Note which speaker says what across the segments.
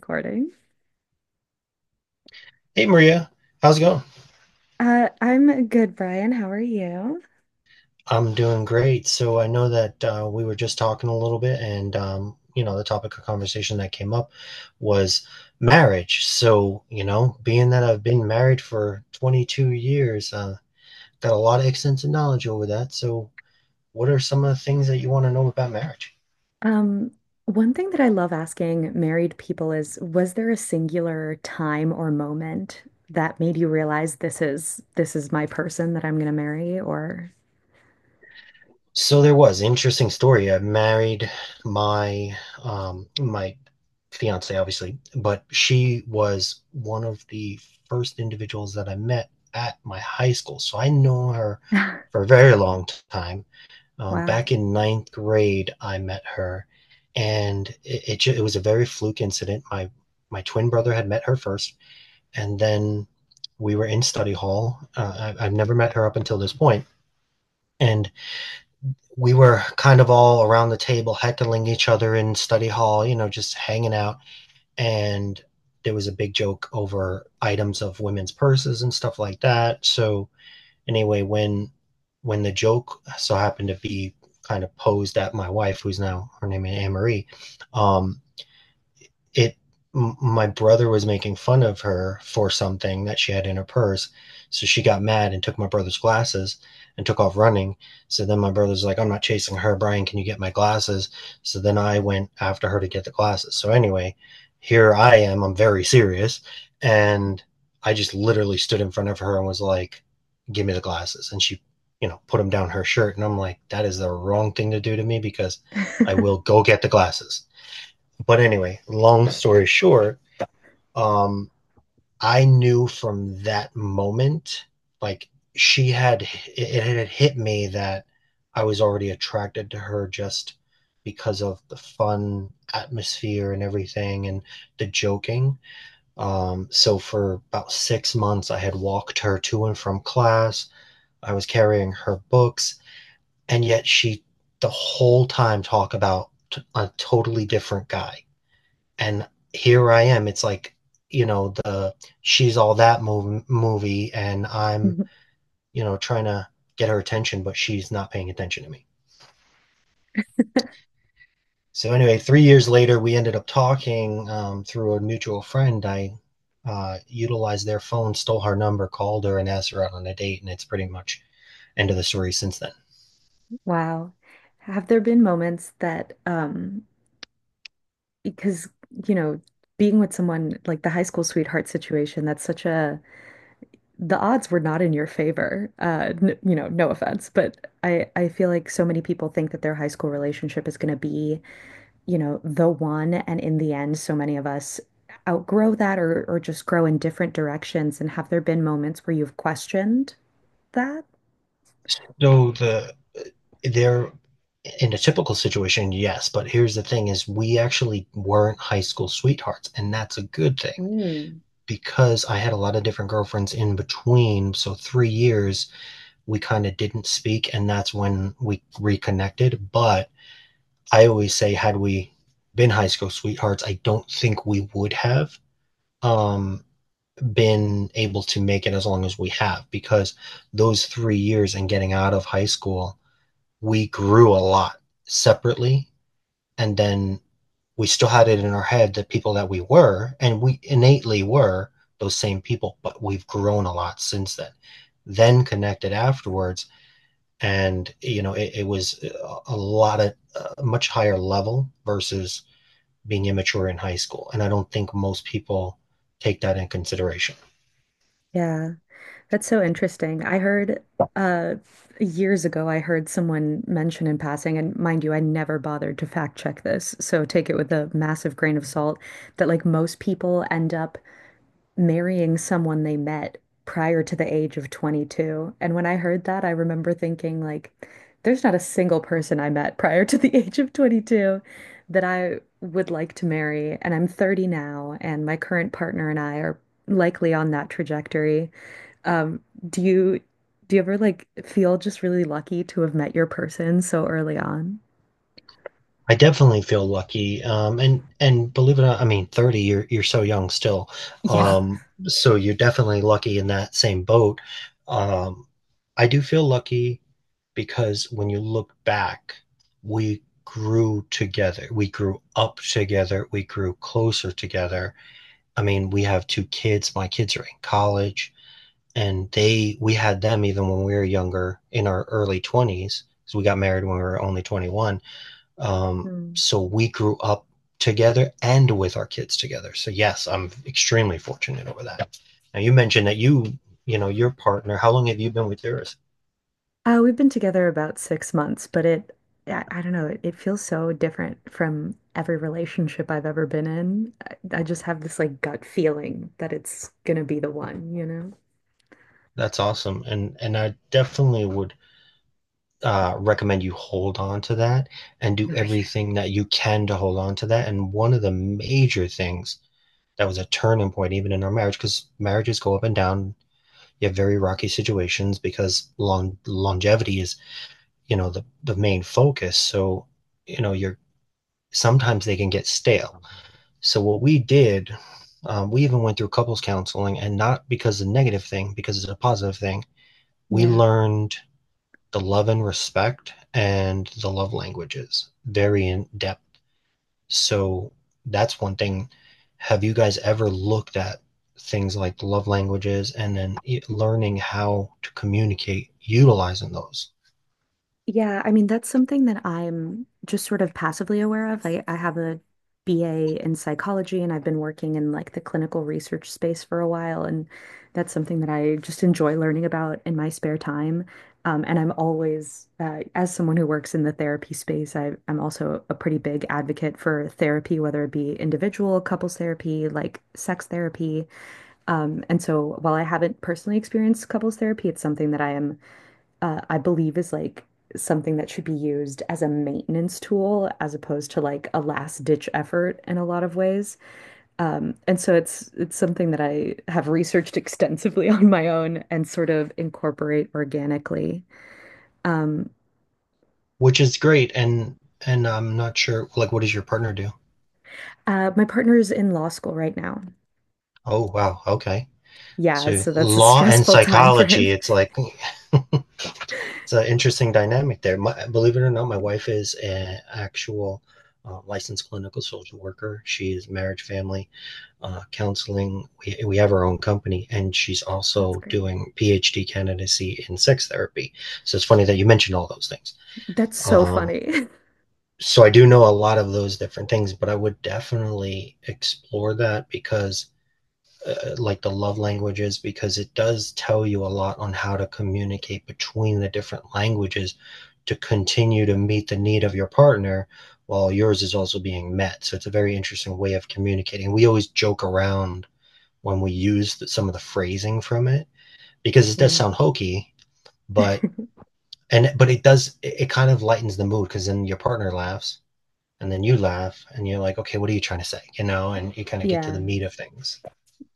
Speaker 1: Recording.
Speaker 2: Hey Maria, how's it going?
Speaker 1: I'm good, Brian. How are you?
Speaker 2: I'm doing great. So I know that we were just talking a little bit, and you know, the topic of conversation that came up was marriage. So, you know, being that I've been married for 22 years, got a lot of extensive knowledge over that. So, what are some of the things that you want to know about marriage?
Speaker 1: Um, One thing that I love asking married people is, was there a singular time or moment that made you realize this is my person that I'm gonna marry? Or
Speaker 2: So there was interesting story. I married my my fiance, obviously, but she was one of the first individuals that I met at my high school. So I know her for a very long time. Back
Speaker 1: wow.
Speaker 2: in ninth grade, I met her, and it was a very fluke incident. My twin brother had met her first, and then we were in study hall. I've never met her up until this point, and we were kind of all around the table heckling each other in study hall, you know, just hanging out. And there was a big joke over items of women's purses and stuff like that. So anyway, when the joke so happened to be kind of posed at my wife, who's now her name is Anne Marie, um, it my brother was making fun of her for something that she had in her purse, so she got mad and took my brother's glasses and took off running. So then my brother's like, I'm not chasing her, Brian, can you get my glasses? So then I went after her to get the glasses. So anyway, here I am, I'm very serious, and I just literally stood in front of her and was like, give me the glasses, and she, you know, put them down her shirt, and I'm like, that is the wrong thing to do to me because I will go get the glasses. But anyway, long story short, um, I knew from that moment, like she had, it, had hit me that I was already attracted to her just because of the fun atmosphere and everything and the joking. So for about 6 months, I had walked her to and from class. I was carrying her books, and yet she the whole time talked about a totally different guy, and here I am. It's like, you know, the she's all that mov- movie, and I'm, you know, trying to get her attention, but she's not paying attention to me. So anyway, 3 years later, we ended up talking through a mutual friend. I utilized their phone, stole her number, called her, and asked her out on a date, and it's pretty much end of the story since then.
Speaker 1: Wow. Have there been moments that because, you know, being with someone like the high school sweetheart situation, that's such a the odds were not in your favor. N You know, no offense, but I feel like so many people think that their high school relationship is going to be, you know, the one, and in the end, so many of us outgrow that or just grow in different directions. And have there been moments where you've questioned that?
Speaker 2: So the there in a typical situation, yes, but here's the thing: is we actually weren't high school sweethearts, and that's a good thing
Speaker 1: Mm.
Speaker 2: because I had a lot of different girlfriends in between, so 3 years we kind of didn't speak, and that's when we reconnected. But I always say, had we been high school sweethearts, I don't think we would have um, been able to make it as long as we have because those 3 years and getting out of high school, we grew a lot separately. And then we still had it in our head the people that we were, and we innately were those same people, but we've grown a lot since then connected afterwards, and you know it was a lot of a much higher level versus being immature in high school, and I don't think most people take that in consideration.
Speaker 1: Yeah, that's so interesting. I heard uh years ago I heard someone mention in passing, and mind you, I never bothered to fact check this, so take it with a massive grain of salt, that like most people end up marrying someone they met prior to the age of 22. And when I heard that, I remember thinking like there's not a single person I met prior to the age of 22 that I would like to marry, and I'm 30 now, and my current partner and I are likely on that trajectory. Um, do you do you ever like feel just really lucky to have met your person so early on?
Speaker 2: I definitely feel lucky. And believe it or not, I mean, 30, you're so young still.
Speaker 1: Yeah.
Speaker 2: So you're definitely lucky in that same boat. Um, I do feel lucky because when you look back, we grew together. We grew up together. We grew closer together. I mean, we have two kids. My kids are in college, and they we had them even when we were younger in our early 20s, because we got married when we were only 21.
Speaker 1: Hmm.
Speaker 2: So we grew up together and with our kids together. So yes, I'm extremely fortunate over that. Now you mentioned that you know, your partner. How long have you been with yours?
Speaker 1: We've been together about 6 months, but I don't know, it feels so different from every relationship I've ever been in. I just have this like gut feeling that it's gonna be the one, you know?
Speaker 2: That's awesome, and I definitely would recommend you hold on to that and
Speaker 1: Oh,
Speaker 2: do
Speaker 1: yeah.
Speaker 2: everything that you can to hold on to that. And one of the major things that was a turning point, even in our marriage, because marriages go up and down. You have very rocky situations because longevity is, you know, the main focus. So, you know, you're sometimes they can get stale. So what we did, we even went through couples counseling, and not because of the negative thing, because it's a positive thing. We
Speaker 1: Yeah.
Speaker 2: learned the love and respect and the love languages very in depth. So that's one thing. Have you guys ever looked at things like love languages and then learning how to communicate utilizing those?
Speaker 1: Yeah, I mean, that's something that I'm just sort of passively aware of. I have a BA in psychology and I've been working in like the clinical research space for a while. And that's something that I just enjoy learning about in my spare time. And I'm always, as someone who works in the therapy space, I'm also a pretty big advocate for therapy, whether it be individual, couples therapy, like sex therapy. And so while I haven't personally experienced couples therapy, it's something that I am I believe is like something that should be used as a maintenance tool as opposed to like a last ditch effort in a lot of ways. And so it's something that I have researched extensively on my own and sort of incorporate organically. Um,
Speaker 2: Which is great. And I'm not sure, like, what does your partner do?
Speaker 1: my partner is in law school right now.
Speaker 2: Oh, wow. Okay.
Speaker 1: Yeah,
Speaker 2: So
Speaker 1: so that's a
Speaker 2: law and
Speaker 1: stressful time for him.
Speaker 2: psychology, it's like it's an interesting dynamic there. My, believe it or not, my wife is an actual licensed clinical social worker. She is marriage, family counseling. We have our own company, and she's
Speaker 1: That's
Speaker 2: also
Speaker 1: great.
Speaker 2: doing PhD candidacy in sex therapy. So it's funny that you mentioned all those things.
Speaker 1: That's so
Speaker 2: Um,
Speaker 1: funny.
Speaker 2: so I do know a lot of those different things, but I would definitely explore that because, like the love languages, because it does tell you a lot on how to communicate between the different languages to continue to meet the need of your partner while yours is also being met. So it's a very interesting way of communicating. We always joke around when we use some of the phrasing from it, because it does
Speaker 1: Yeah.
Speaker 2: sound hokey, but and but it does, it kind of lightens the mood because then your partner laughs and then you laugh and you're like, okay, what are you trying to say, you know, and you kind of get to the
Speaker 1: Yeah.
Speaker 2: meat of things.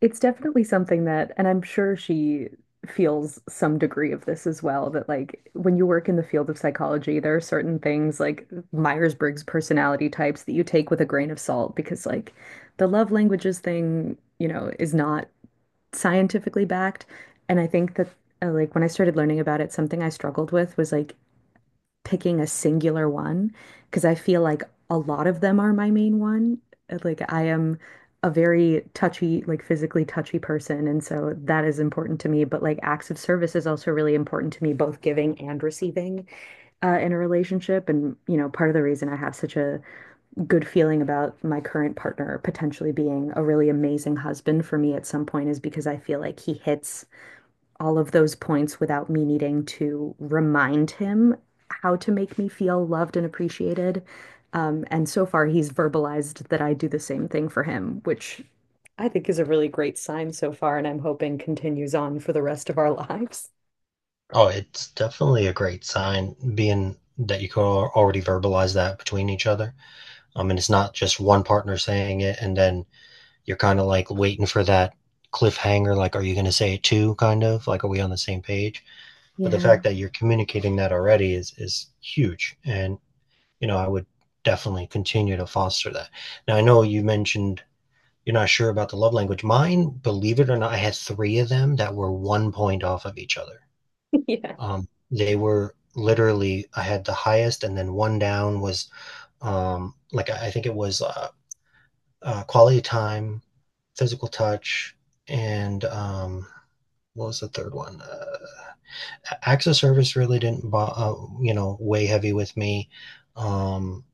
Speaker 1: It's definitely something that, and I'm sure she feels some degree of this as well, that like when you work in the field of psychology, there are certain things like Myers-Briggs personality types that you take with a grain of salt because like the love languages thing, you know, is not scientifically backed. And I think that like when I started learning about it, something I struggled with was like picking a singular one because I feel like a lot of them are my main one. Like I am a very touchy, like physically touchy person, and so that is important to me. But like acts of service is also really important to me, both giving and receiving in a relationship. And you know, part of the reason I have such a good feeling about my current partner potentially being a really amazing husband for me at some point is because I feel like he hits all of those points without me needing to remind him how to make me feel loved and appreciated. And so far, he's verbalized that I do the same thing for him, which I think is a really great sign so far, and I'm hoping continues on for the rest of our lives.
Speaker 2: Oh, it's definitely a great sign being that you can already verbalize that between each other. I mean, it's not just one partner saying it and then you're kind of like waiting for that cliffhanger, like, are you going to say it too, kind of like, are we on the same page? But the
Speaker 1: Yeah.
Speaker 2: fact that you're communicating that already is huge, and you know I would definitely continue to foster that. Now I know you mentioned you're not sure about the love language. Mine, believe it or not, I had three of them that were one point off of each other.
Speaker 1: Yeah.
Speaker 2: They were literally, I had the highest, and then one down was think it was quality time, physical touch, and what was the third one? Access service really didn't, you know, weigh heavy with me. Um,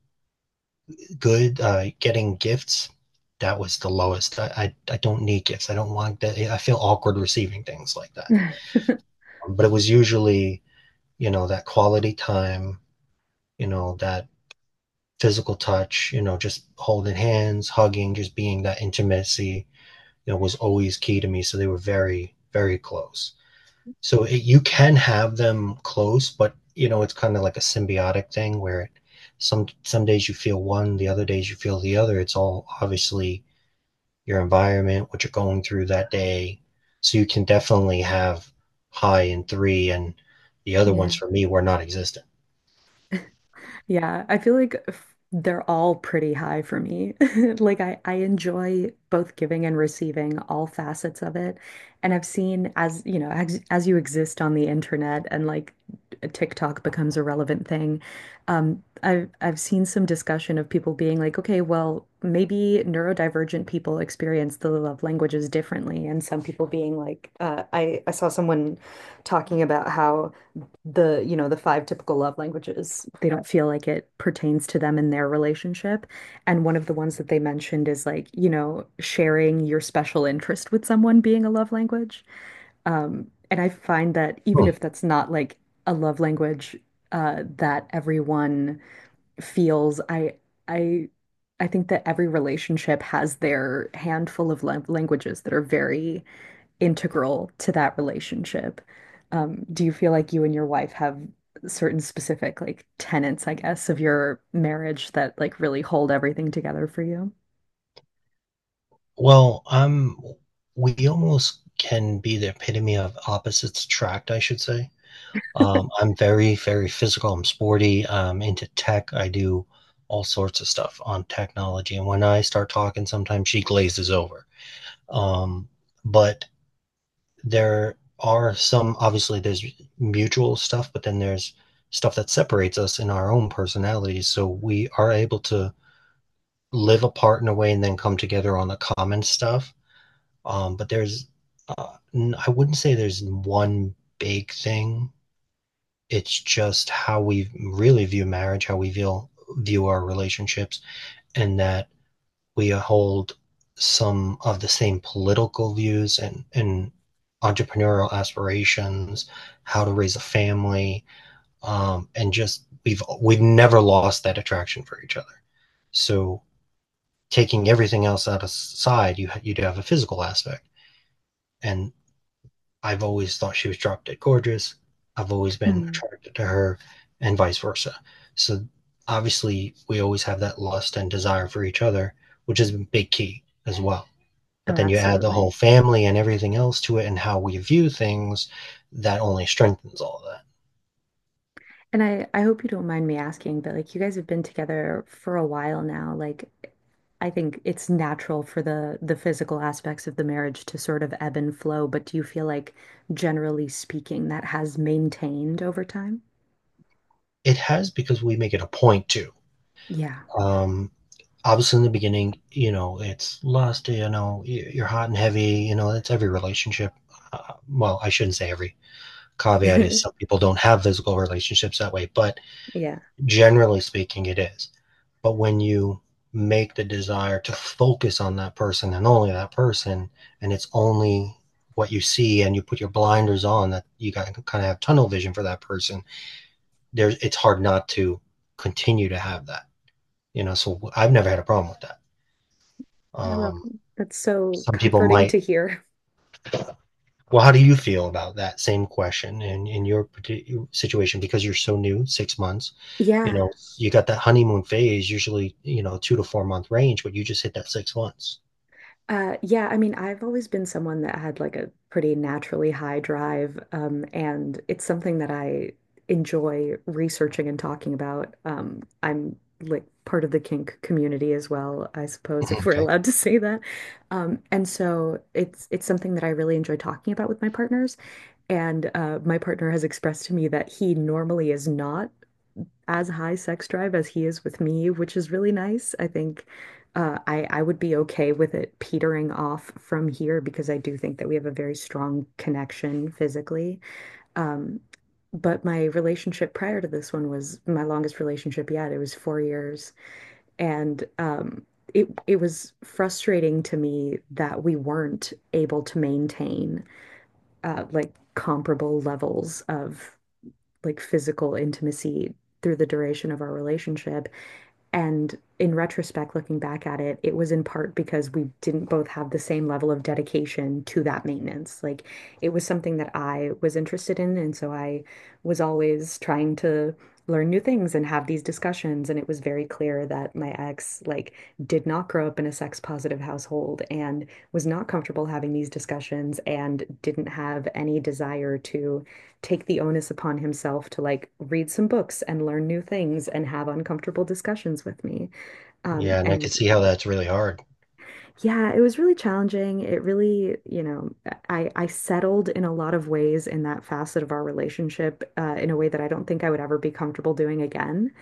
Speaker 2: good Getting gifts. That was the lowest. I don't need gifts. I don't want that. I feel awkward receiving things like that. But it was usually, you know, that quality time. You know, that physical touch. You know, just holding hands, hugging, just being that intimacy. You know, was always key to me. So they were very very close. So it, you can have them close, but you know it's kind of like a symbiotic thing where some days you feel one, the other days you feel the other. It's all obviously your environment, what you're going through that day. So you can definitely have high in three, and the other ones
Speaker 1: Yeah.
Speaker 2: for me were not existent.
Speaker 1: Yeah, I feel like they're all pretty high for me. Like I enjoy both giving and receiving all facets of it. And I've seen as, you know, as you exist on the internet and like TikTok becomes a relevant thing, I've seen some discussion of people being like, okay, well, maybe neurodivergent people experience the love languages differently. And some people being like, I saw someone talking about how you know, the five typical love languages. They don't feel like it pertains to them in their relationship. And one of the ones that they mentioned is like, you know, sharing your special interest with someone being a love language. And I find that even
Speaker 2: Hmm.
Speaker 1: if that's not like a love language that everyone feels, I, I think that every relationship has their handful of languages that are very integral to that relationship. Do you feel like you and your wife have certain specific like tenets, I guess, of your marriage that like really hold everything together for you?
Speaker 2: Well, I'm. We almost can be the epitome of opposites attract, I should say. I'm very, very physical. I'm sporty. I'm into tech. I do all sorts of stuff on technology. And when I start talking, sometimes she glazes over. Um, but there are some obviously there's mutual stuff, but then there's stuff that separates us in our own personalities. So we are able to live apart in a way and then come together on the common stuff. But there's, I wouldn't say there's one big thing. It's just how we really view marriage, how we view our relationships, and that we hold some of the same political views, and entrepreneurial aspirations, how to raise a family, and just we've never lost that attraction for each other. So taking everything else out aside, you do have a physical aspect, and I've always thought she was drop dead gorgeous. I've always been
Speaker 1: Hmm.
Speaker 2: attracted to her, and vice versa. So obviously, we always have that lust and desire for each other, which is a big key as well. But
Speaker 1: Oh,
Speaker 2: then you add the whole
Speaker 1: absolutely.
Speaker 2: family and everything else to it and how we view things, that only strengthens all of that.
Speaker 1: And I hope you don't mind me asking, but like you guys have been together for a while now. Like I think it's natural for the physical aspects of the marriage to sort of ebb and flow, but do you feel like generally speaking that has maintained over time?
Speaker 2: It has because we make it a point to.
Speaker 1: Yeah.
Speaker 2: Um, obviously, in the beginning, you know, it's lust, you know, you're hot and heavy, you know, that's every relationship. Well, I shouldn't say every. Caveat is some people don't have physical relationships that way, but
Speaker 1: Yeah.
Speaker 2: generally speaking, it is. But when you make the desire to focus on that person and only that person, and it's only what you see, and you put your blinders on, that you got to kind of have tunnel vision for that person. There's it's hard not to continue to have that. You know, so I've never had a problem with that.
Speaker 1: I love
Speaker 2: Um,
Speaker 1: them. That's so
Speaker 2: some people
Speaker 1: comforting
Speaker 2: might.
Speaker 1: to hear.
Speaker 2: Well, how do you feel about that same question in your particular situation? Because you're so new, 6 months, you know,
Speaker 1: Yeah.
Speaker 2: you got that honeymoon phase, usually, you know, 2 to 4 month range, but you just hit that 6 months.
Speaker 1: Yeah, I mean, I've always been someone that had like a pretty naturally high drive, and it's something that I enjoy researching and talking about. I'm like part of the kink community as well, I suppose, if we're
Speaker 2: Okay.
Speaker 1: allowed to say that. And so it's something that I really enjoy talking about with my partners. And my partner has expressed to me that he normally is not as high sex drive as he is with me, which is really nice. I think I would be okay with it petering off from here because I do think that we have a very strong connection physically. Um, but my relationship prior to this one was my longest relationship yet. It was 4 years, and it was frustrating to me that we weren't able to maintain like comparable levels of like physical intimacy through the duration of our relationship. And in retrospect, looking back at it, it was in part because we didn't both have the same level of dedication to that maintenance. Like it was something that I was interested in. And so I was always trying to learn new things and have these discussions. And it was very clear that my ex, like, did not grow up in a sex positive household and was not comfortable having these discussions and didn't have any desire to take the onus upon himself to like read some books and learn new things and have uncomfortable discussions with me.
Speaker 2: Yeah, and I can
Speaker 1: And
Speaker 2: see how that's really hard.
Speaker 1: yeah, it was really challenging. It really, you know, I settled in a lot of ways in that facet of our relationship in a way that I don't think I would ever be comfortable doing again.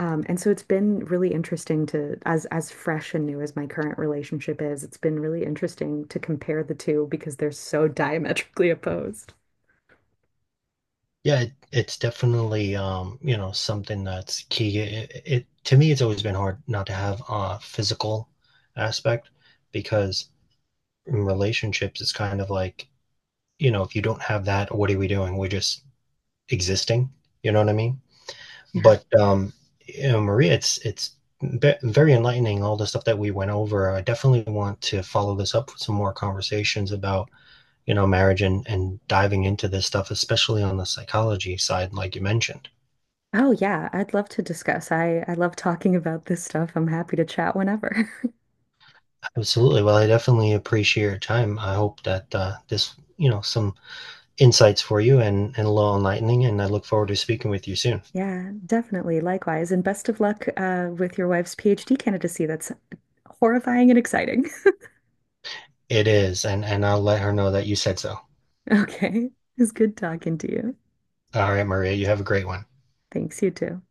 Speaker 1: And so it's been really interesting to, as fresh and new as my current relationship is, it's been really interesting to compare the two because they're so diametrically opposed.
Speaker 2: Yeah, it, it's definitely you know, something that's key. It to me, it's always been hard not to have a physical aspect because in relationships, it's kind of like, you know, if you don't have that, what are we doing? We're just existing. You know what I mean?
Speaker 1: Yeah.
Speaker 2: But you know, Maria, it's very enlightening all the stuff that we went over. I definitely want to follow this up with some more conversations about, you know, marriage and diving into this stuff, especially on the psychology side like you mentioned.
Speaker 1: Oh yeah, I'd love to discuss. I love talking about this stuff. I'm happy to chat whenever.
Speaker 2: Absolutely. Well, I definitely appreciate your time. I hope that, this, you know, some insights for you and a little enlightening, and I look forward to speaking with you soon.
Speaker 1: Yeah, definitely. Likewise, and best of luck with your wife's PhD candidacy. That's horrifying and exciting.
Speaker 2: It is, and I'll let her know that you said so.
Speaker 1: Okay. It's good talking to you.
Speaker 2: All right, Maria, you have a great one.
Speaker 1: Thanks, you too.